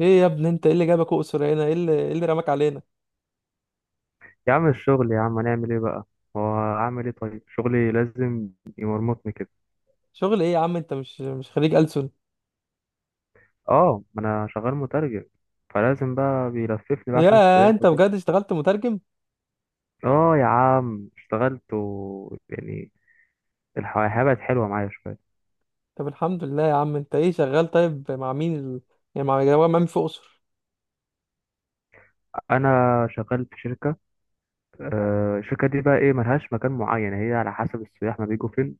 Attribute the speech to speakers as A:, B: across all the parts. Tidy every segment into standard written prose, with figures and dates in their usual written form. A: ايه يا ابني، انت ايه اللي جابك اقصر هنا؟ ايه اللي رماك علينا؟
B: يا عم الشغل يا عم، هنعمل ايه بقى؟ هو اعمل ايه؟ طيب شغلي لازم يمرمطني كده.
A: شغل ايه يا عم؟ انت مش خريج ألسن؟
B: اه، ما انا شغال مترجم، فلازم بقى بيلففني بقى عشان
A: يا
B: السياح
A: انت
B: وكده.
A: بجد اشتغلت مترجم؟
B: اه يا عم، اشتغلت و يعني الحياة بقت حلوة معايا شوية.
A: طب الحمد لله يا عم. انت ايه شغال؟ طيب مع مين يعني مع جماعة مين في اقصر؟
B: انا شغال في شركة. الشركة دي بقى ايه، ملهاش مكان معين، هي على حسب السياح ما بيجوا فين،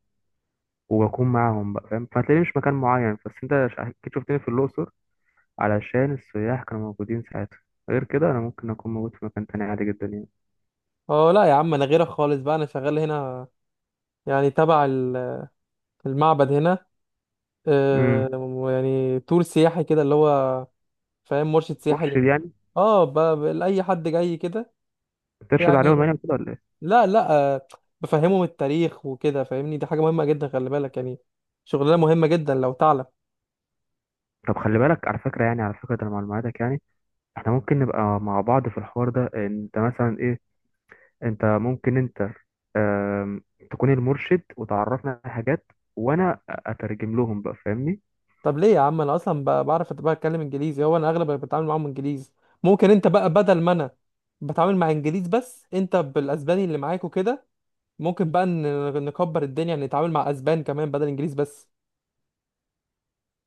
B: وبكون معاهم بقى فاهم، فتلاقيني مش مكان معين، بس انت اكيد شفتني في الاقصر علشان السياح كانوا موجودين ساعتها. غير كده انا ممكن اكون موجود في مكان تاني عادي جدا يعني.
A: اه لا يا عم، انا غيرك خالص بقى. انا شغال هنا يعني تبع المعبد هنا.
B: امم
A: اه، يعني تور سياحي كده اللي هو فاهم، مرشد سياحي
B: مرشد يعني،
A: اه، لاي حد جاي كده
B: ترشد عليهم
A: يعني.
B: يعني كده ولا ايه؟
A: لا لا، بفهمهم التاريخ وكده فاهمني، دي حاجة مهمة جدا، خلي بالك يعني. شغلانة مهمة جدا لو تعلم.
B: طب خلي بالك على فكره، يعني على فكره ده أنا معلوماتك يعني احنا ممكن نبقى مع بعض في الحوار ده. انت مثلا ايه، انت ممكن انت آم، تكون المرشد وتعرفنا على حاجات وانا اترجم لهم بقى، فاهمني؟
A: طب ليه يا عم؟ انا اصلا بعرف بتكلم انجليزي، هو انا اغلب اللي بتعامل معاهم انجليزي. ممكن انت بقى بدل ما انا بتعامل مع انجليز بس، انت بالاسباني اللي معاك وكده، ممكن بقى نكبر الدنيا، نتعامل مع اسبان كمان بدل انجليز بس،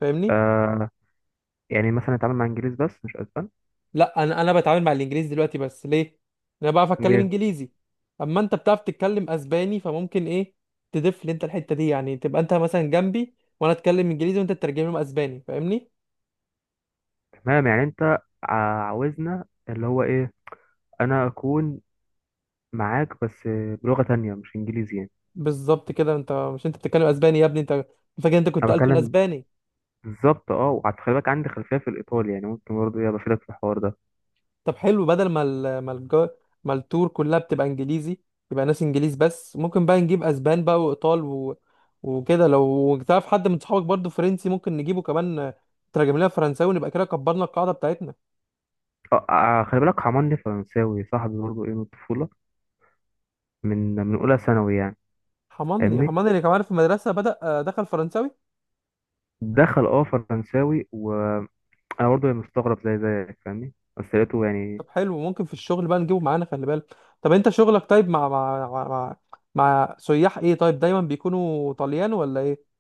A: فاهمني؟
B: آه، يعني مثلا نتعامل مع انجليز بس مش اسبان.
A: لا، انا بتعامل مع الانجليزي دلوقتي بس، ليه؟ انا بعرف اتكلم
B: ايه.
A: انجليزي. اما انت بتعرف تتكلم اسباني، فممكن ايه تضيف لي انت الحته دي. يعني تبقى انت مثلا جنبي وانا اتكلم انجليزي وانت تترجم لهم اسباني، فاهمني؟
B: تمام يعني انت عاوزنا اللي هو ايه، انا اكون معاك بس بلغه تانية مش انجليزي يعني.
A: بالظبط كده. انت مش انت بتتكلم اسباني يا ابني، انت فاكر انت كنت
B: انا
A: ألسن
B: بكلم
A: اسباني.
B: بالظبط اه، وخلي بالك عندي خلفيه في الايطالي، يعني ممكن برضه ايه بفيدك في الحوار ده.
A: طب حلو، بدل ما ما ما التور كلها بتبقى انجليزي، يبقى ناس انجليز بس، ممكن بقى نجيب اسبان بقى، وايطال وكده. لو تعرف حد من صحابك برضو فرنسي ممكن نجيبه كمان، ترجم لنا فرنساوي ونبقى كده كبرنا القاعده بتاعتنا.
B: اه خلي بالك حماني فرنساوي، صاحبي برضه ايه من الطفوله، من اولى ثانوي يعني.
A: حماني
B: فاهمني،
A: حماني اللي كمان في المدرسه بدأ، دخل فرنساوي.
B: دخل اه فرنساوي، وانا برضه يعني مستغرب زي زيك فاهمني، بس لقيته يعني
A: طب حلو، ممكن في الشغل بقى نجيبه معانا، خلي بالك. طب انت شغلك طيب، مع سياح ايه طيب؟ دايما بيكونوا طليان ولا ايه؟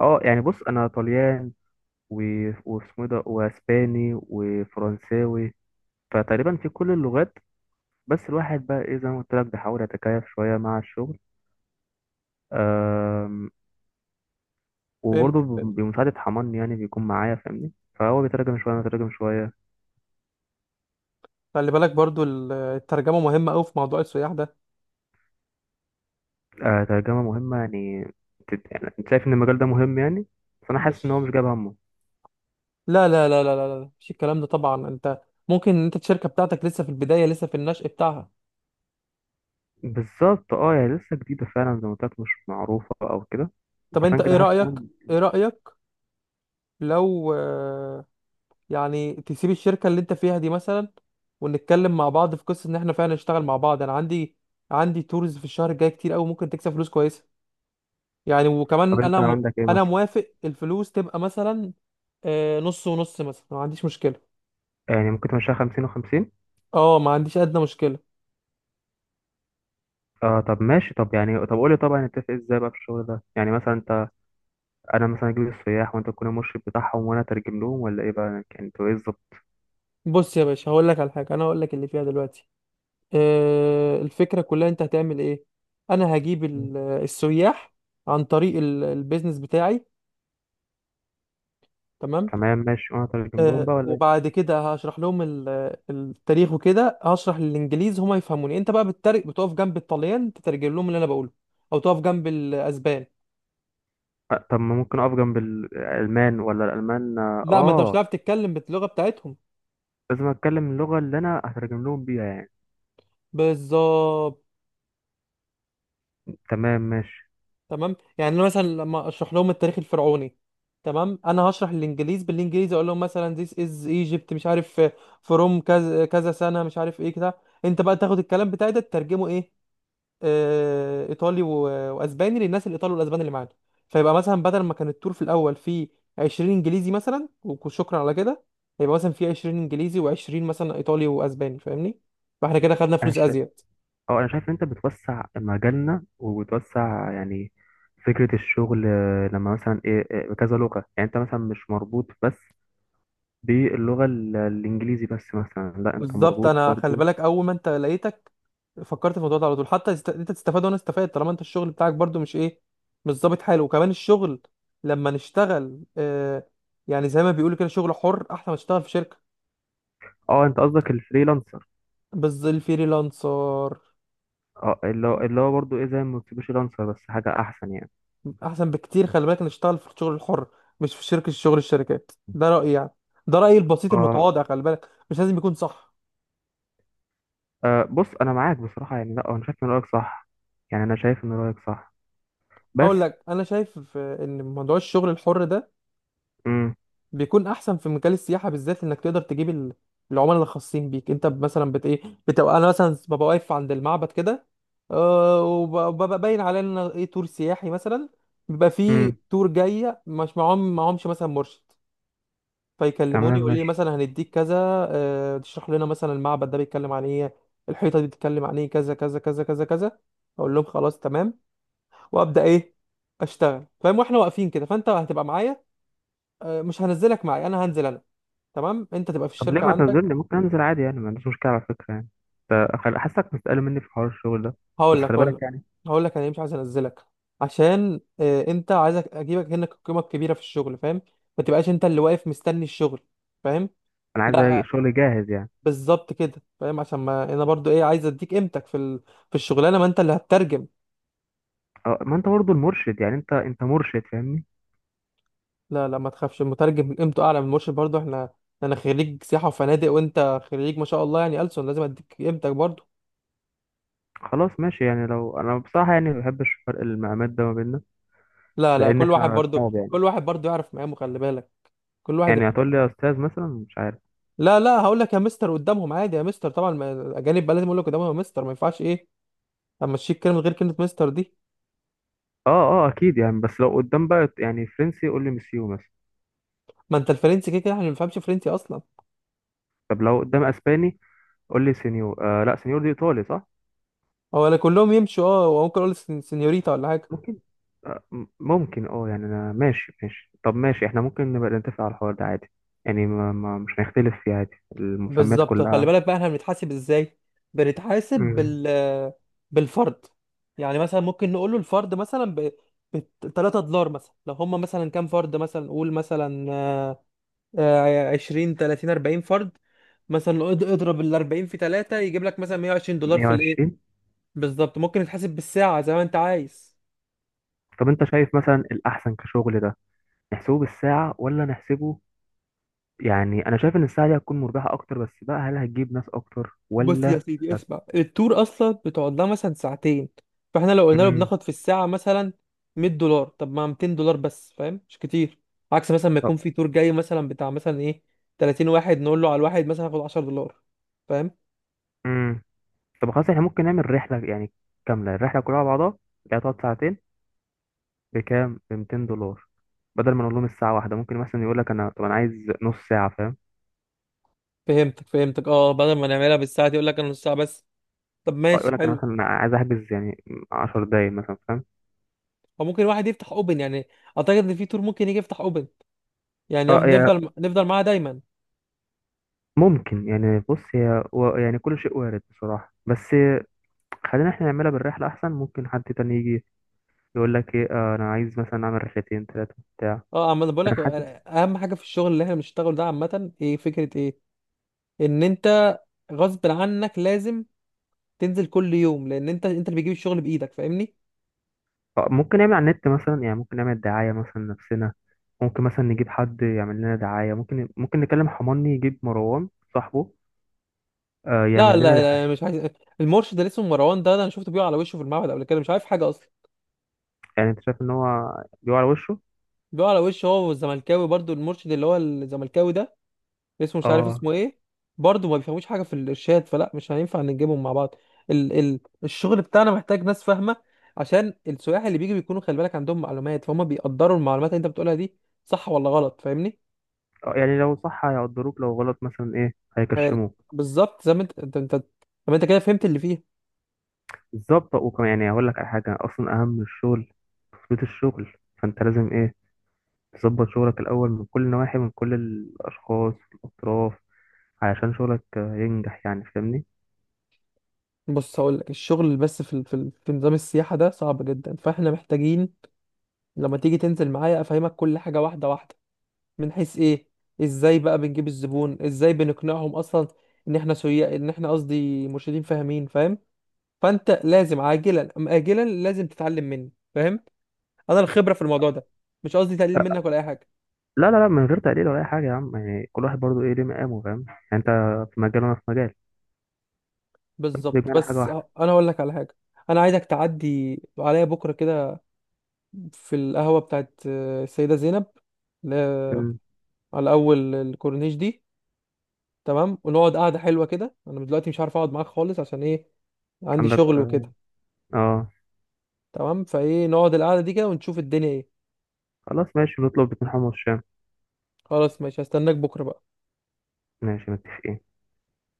B: اه. يعني بص، انا طليان واسمه إيه ده، واسباني وفرنساوي، فتقريبا في كل اللغات. بس الواحد بقى ايه زي ما قلت لك بيحاول يتكيف شويه مع الشغل،
A: فهمت
B: وبرضه
A: فهمت.
B: بمساعدة حماني يعني، بيكون معايا فاهمني، فهو بيترجم شوية أنا بترجم شوية.
A: خلي بالك برضو الترجمه مهمه قوي في موضوع السياح ده.
B: آه، ترجمة مهمة يعني، يعني أنت شايف إن المجال ده مهم يعني، بس أنا حاسس إن هو مش
A: مش،
B: جايب همه.
A: لا مش الكلام ده طبعا. انت ممكن انت الشركه بتاعتك لسه في البدايه، لسه في النشء بتاعها.
B: بالظبط، أه يعني لسه جديدة فعلا زي ما قلت لك، مش معروفة أو كده.
A: طب انت
B: عشان
A: ايه
B: كده حاسس
A: رايك؟
B: إن
A: ايه رايك لو يعني تسيب الشركه اللي انت فيها دي مثلا، ونتكلم مع بعض في قصه ان احنا فعلا نشتغل مع بعض؟ انا عندي عندي تورز في الشهر الجاي كتير قوي، ممكن تكسب فلوس كويسه يعني. وكمان
B: طب أنت
A: انا
B: عندك إيه
A: انا
B: مثلا؟
A: موافق الفلوس تبقى مثلا نص ونص مثلا، ما عنديش مشكله.
B: يعني ممكن تمشيها 50 و50.
A: اه، ما عنديش ادنى مشكله.
B: اه طب ماشي، طب يعني، طب قولي طبعا نتفق ازاي بقى في الشغل ده؟ يعني مثلا انت، انا مثلا اجيب السياح وانت تكون المرشد بتاعهم وانا اترجم لهم، ولا ايه بقى يعني انتوا ايه الظبط؟
A: بص يا باشا، هقول لك على حاجه، انا هقول لك اللي فيها دلوقتي. الفكرة كلها انت هتعمل ايه. انا هجيب السياح عن طريق البيزنس بتاعي، تمام؟
B: تمام ماشي، وانا اترجم لهم بقى ولا؟
A: وبعد كده هشرح لهم التاريخ وكده، هشرح للانجليز هما يفهموني، انت بقى بتترج بتقف جنب الطليان تترجم لهم اللي انا بقوله، او تقف جنب الاسبان.
B: أه، طب ما ممكن اقف جنب الالمان؟ ولا الالمان اه
A: لا، ما انت مش هتعرف تتكلم باللغة بتاعتهم.
B: لازم اتكلم اللغه اللي انا هترجم لهم بيها يعني.
A: بالظبط.
B: تمام ماشي.
A: تمام، يعني انا مثلا لما اشرح لهم التاريخ الفرعوني، تمام، انا هشرح الانجليز بالانجليزي، اقول لهم مثلا this is Egypt مش عارف from كذا كذا سنه مش عارف ايه كده. انت بقى تاخد الكلام بتاعي ده تترجمه ايه، ايطالي واسباني للناس الايطالي والاسباني اللي معانا. فيبقى مثلا بدل ما كان التور في الاول فيه 20 انجليزي مثلا وشكرا على كده، هيبقى مثلا فيه 20 انجليزي و20 مثلا ايطالي واسباني، فاهمني؟ فاحنا كده خدنا
B: انا
A: فلوس
B: شايف،
A: ازيد.
B: اه انا شايف ان انت بتوسع مجالنا وبتوسع يعني فكره الشغل. لما مثلا ايه بكذا لغه يعني، انت مثلا مش مربوط بس الانجليزي بس مثلا، لا انت
A: بالظبط.
B: مربوط
A: انا خلي
B: برضو.
A: بالك، اول ما انت لقيتك فكرت في الموضوع ده على طول. حتى انت تستفاد وانا استفاد، طالما انت الشغل بتاعك برضو مش ايه، مش ظابط حاله. وكمان الشغل لما نشتغل، آه، يعني زي ما بيقولوا كده شغل حر احسن ما نشتغل في شركه.
B: اه انت قصدك الفريلانسر.
A: بس الفريلانسر
B: اه، اللي هو اللي هو برضو ايه زي ما قلت لانسر، بس حاجه احسن يعني.
A: احسن بكتير، خلي بالك. نشتغل في الشغل الحر مش في شركه، شغل الشركات ده رايي يعني، ده رايي البسيط
B: اه
A: المتواضع، خلي بالك مش لازم يكون صح.
B: أه بص انا معاك بصراحه يعني، لا انا شايف ان رايك صح، يعني انا شايف ان رايك صح
A: هقول
B: بس.
A: لك انا شايف ان موضوع الشغل الحر ده
B: امم
A: بيكون احسن في مجال السياحه بالذات، انك تقدر تجيب العملاء اللي خاصين بيك انت. مثلا بت ايه، بتبقى انا مثلا ببقى واقف عند المعبد كده، وببقى باين عليا ان أنا ايه تور سياحي مثلا. بيبقى فيه
B: امم
A: تور جايه مش معاهم معاهمش مثلا مرشد، فيكلموني
B: تمام
A: يقول لي
B: ماشي.
A: مثلا هنديك كذا. تشرح لنا مثلا المعبد ده بيتكلم عن ايه، الحيطه دي بتتكلم عن ايه، كذا كذا كذا كذا كذا. اقول لهم خلاص تمام، وابدا ايه اشتغل، فاهم؟ واحنا واقفين كده فانت هتبقى معايا، مش هنزلك معايا، انا هنزل انا، تمام؟ انت تبقى في
B: طب ليه
A: الشركه
B: ما
A: عندك.
B: تنزلني؟ ممكن انزل عادي يعني، ما عنديش مشكله على فكره يعني. حاسسك مستقل مني في حوار الشغل ده، بس
A: هقول لك
B: خلي
A: هقول لك
B: بالك يعني.
A: هقول لك انا ليه مش عايز انزلك. عشان اه، انت عايزك اجيبك هنا القيمه الكبيره في الشغل، فاهم؟ ما تبقاش انت اللي واقف مستني الشغل، فاهم؟
B: انا عايز
A: لا،
B: شغل جاهز يعني.
A: بالظبط كده، فاهم؟ عشان ما انا برضو ايه، عايز اديك قيمتك في في الشغلانه، ما انت اللي هتترجم.
B: أه، ما انت برضه المرشد، يعني انت مرشد فاهمني.
A: لا لا، ما تخافش، المترجم قيمته اعلى من المرشد برضو. احنا، انا خريج سياحه وفنادق وانت خريج ما شاء الله يعني ألسن، لازم اديك قيمتك برضو.
B: خلاص ماشي يعني، لو انا بصراحه يعني ما بحبش فرق المقامات ده ما بيننا،
A: لا لا،
B: لان
A: كل واحد
B: احنا
A: برضو،
B: اصحاب يعني.
A: يعرف مقامه، خلي بالك. كل واحد.
B: يعني هتقول لي يا استاذ مثلا، مش عارف.
A: لا لا، هقول لك يا مستر قدامهم عادي، يا مستر طبعا، الاجانب بقى لازم اقول لك قدامهم يا مستر، ما ينفعش ايه امشيك كلمه غير كلمه مستر دي.
B: اه اه اكيد يعني، بس لو قدام بقى يعني فرنسي قول لي مسيو مثلا.
A: ما انت الفرنسي كده كده احنا ما بنفهمش فرنسي اصلا.
B: طب لو قدام اسباني قول لي سينيور. آه لا، سينيور دي ايطالي صح؟
A: هو لا كلهم يمشوا اه، وممكن اقول سنيوريتا ولا حاجه.
B: ممكن. آه ممكن اه يعني انا ماشي ماشي. طب ماشي، احنا ممكن نبقى نتفق على الحوار ده عادي يعني، ما مش هنختلف فيه عادي، المسميات
A: بالظبط. خلي
B: كلها.
A: بالك بقى احنا بنتحاسب ازاي؟ بنتحاسب
B: مم،
A: بالفرد. يعني مثلا ممكن نقول له الفرد مثلا ب 3$ مثلا، لو هم مثلا كام فرد، مثلا قول مثلا 20 30 40 فرد مثلا، لو اضرب ال 40 في 3 يجيب لك مثلا 120$ في الايه.
B: 120.
A: بالظبط. ممكن يتحسب بالساعه زي ما انت عايز.
B: طب انت شايف مثلا الاحسن كشغل ده، نحسبه بالساعة ولا نحسبه؟ يعني انا شايف ان الساعة دي هتكون مربحة اكتر، بس بقى هل هتجيب ناس اكتر
A: بص يا
B: ولا؟
A: سيدي،
B: هت...
A: اسمع، التور اصلا بتقعد لها مثلا ساعتين، فاحنا لو قلنا له
B: مم.
A: بناخد في الساعه مثلا 100$، طب ما 200$ بس فاهم، مش كتير. عكس مثلا ما يكون
B: طب.
A: في تور جاي مثلا بتاع مثلا ايه 30 واحد، نقول له على الواحد مثلا هاخد 10$، فاهم؟
B: مم. طب خلاص احنا ممكن نعمل رحلة يعني، كاملة الرحلة كلها على بعضها، اللي هتقعد ساعتين، بكام؟ ب 200 دولار، بدل ما نقول لهم الساعه واحده ممكن مثلا يقول لك انا، طب انا عايز نص ساعه فاهم؟
A: فهمتك اه، بدل ما نعملها بالساعه دي يقول لك انا نص ساعه بس. طب
B: أو
A: ماشي،
B: يقول لك انا
A: حلو.
B: مثلا انا عايز احجز يعني 10 دقايق مثلا فاهم.
A: او ممكن واحد يفتح اوبن يعني، اعتقد ان في تور ممكن يجي يفتح اوبن، يعني
B: اه
A: يفضل
B: يا،
A: نفضل معاه دايما.
B: ممكن يعني. بص هي يعني كل شيء وارد بصراحه، بس خلينا احنا نعملها بالرحله احسن، ممكن حد تاني يجي يقول لك ايه آه انا عايز مثلا اعمل رحلتين ثلاثه بتاع.
A: اه، اما انا بقول
B: انا
A: لك،
B: حاسس.
A: اهم حاجه في الشغل اللي احنا بنشتغله ده عامه ايه فكره ايه ان انت غصب عنك لازم تنزل كل يوم، لان انت اللي بتجيب الشغل بايدك، فاهمني؟
B: ممكن نعمل على النت مثلا يعني، ممكن نعمل دعايه مثلا نفسنا، ممكن مثلا نجيب حد يعمل لنا دعايه، ممكن نكلم حماني يجيب مروان صاحبه يعمل
A: لا
B: لنا.
A: لا لا، مش عايز. المرشد اللي اسمه مروان ده، ده انا شفته بيقع على وشه في المعبد قبل كده، مش عارف حاجه اصلا.
B: يعني انت شايف ان هو بيقع على وشه؟
A: بيقع على وشه هو والزملكاوي برضو، المرشد اللي هو الزملكاوي ده اسمه مش عارف
B: اه
A: اسمه ايه، برضه ما بيفهموش حاجه في الارشاد، فلا مش هينفع نجيبهم مع بعض. ال ال الشغل بتاعنا محتاج ناس فاهمه، عشان السياح اللي بيجي بيكونوا خلي بالك عندهم معلومات، فهم بيقدروا المعلومات اللي انت بتقولها دي صح ولا غلط، فاهمني؟
B: يعني لو صح هيقدروك، لو غلط مثلا ايه
A: فال-
B: هيكشموك.
A: بالظبط زي ما انت طب انت كده فهمت اللي فيه.
B: بالظبط، وكمان يعني هقول لك على حاجه اصلا اهم من الشغل، تثبيت الشغل. فانت لازم ايه تظبط شغلك الاول من كل النواحي، من كل الاشخاص الاطراف، علشان شغلك ينجح يعني فاهمني.
A: بص هقول لك، الشغل بس في في في نظام السياحه ده صعب جدا، فاحنا محتاجين لما تيجي تنزل معايا افهمك كل حاجه واحده واحده، من حيث ايه، ازاي بقى بنجيب الزبون، ازاي بنقنعهم اصلا ان احنا سويا، ان احنا قصدي مرشدين فاهمين، فاهم؟ فانت لازم عاجلا ام اجلا لازم تتعلم مني، فاهم؟ انا الخبره في الموضوع ده، مش قصدي تقليل منك ولا اي حاجه.
B: لا لا لا، من غير تقليل ولا اي حاجه يا عم، يعني كل واحد برضو ايه ليه مقامه فاهم، يعني انت في مجال وانا في مجال، بس
A: بالظبط،
B: بيجمعنا حاجه
A: بس
B: واحده.
A: انا هقول لك على حاجه، انا عايزك تعدي عليا بكره كده في القهوه بتاعت السيده زينب، ل-
B: مم.
A: على اول الكورنيش دي، تمام؟ ونقعد قعده حلوه كده. انا دلوقتي مش عارف اقعد معاك خالص عشان ايه، عندي
B: عندك
A: شغل
B: اه.
A: وكده.
B: آه.
A: تمام، فايه نقعد القعده دي كده ونشوف الدنيا ايه.
B: خلاص ماشي، نطلب باتنين حمص الشام.
A: خلاص ماشي، هستناك بكره بقى.
B: ماشي، متفقين.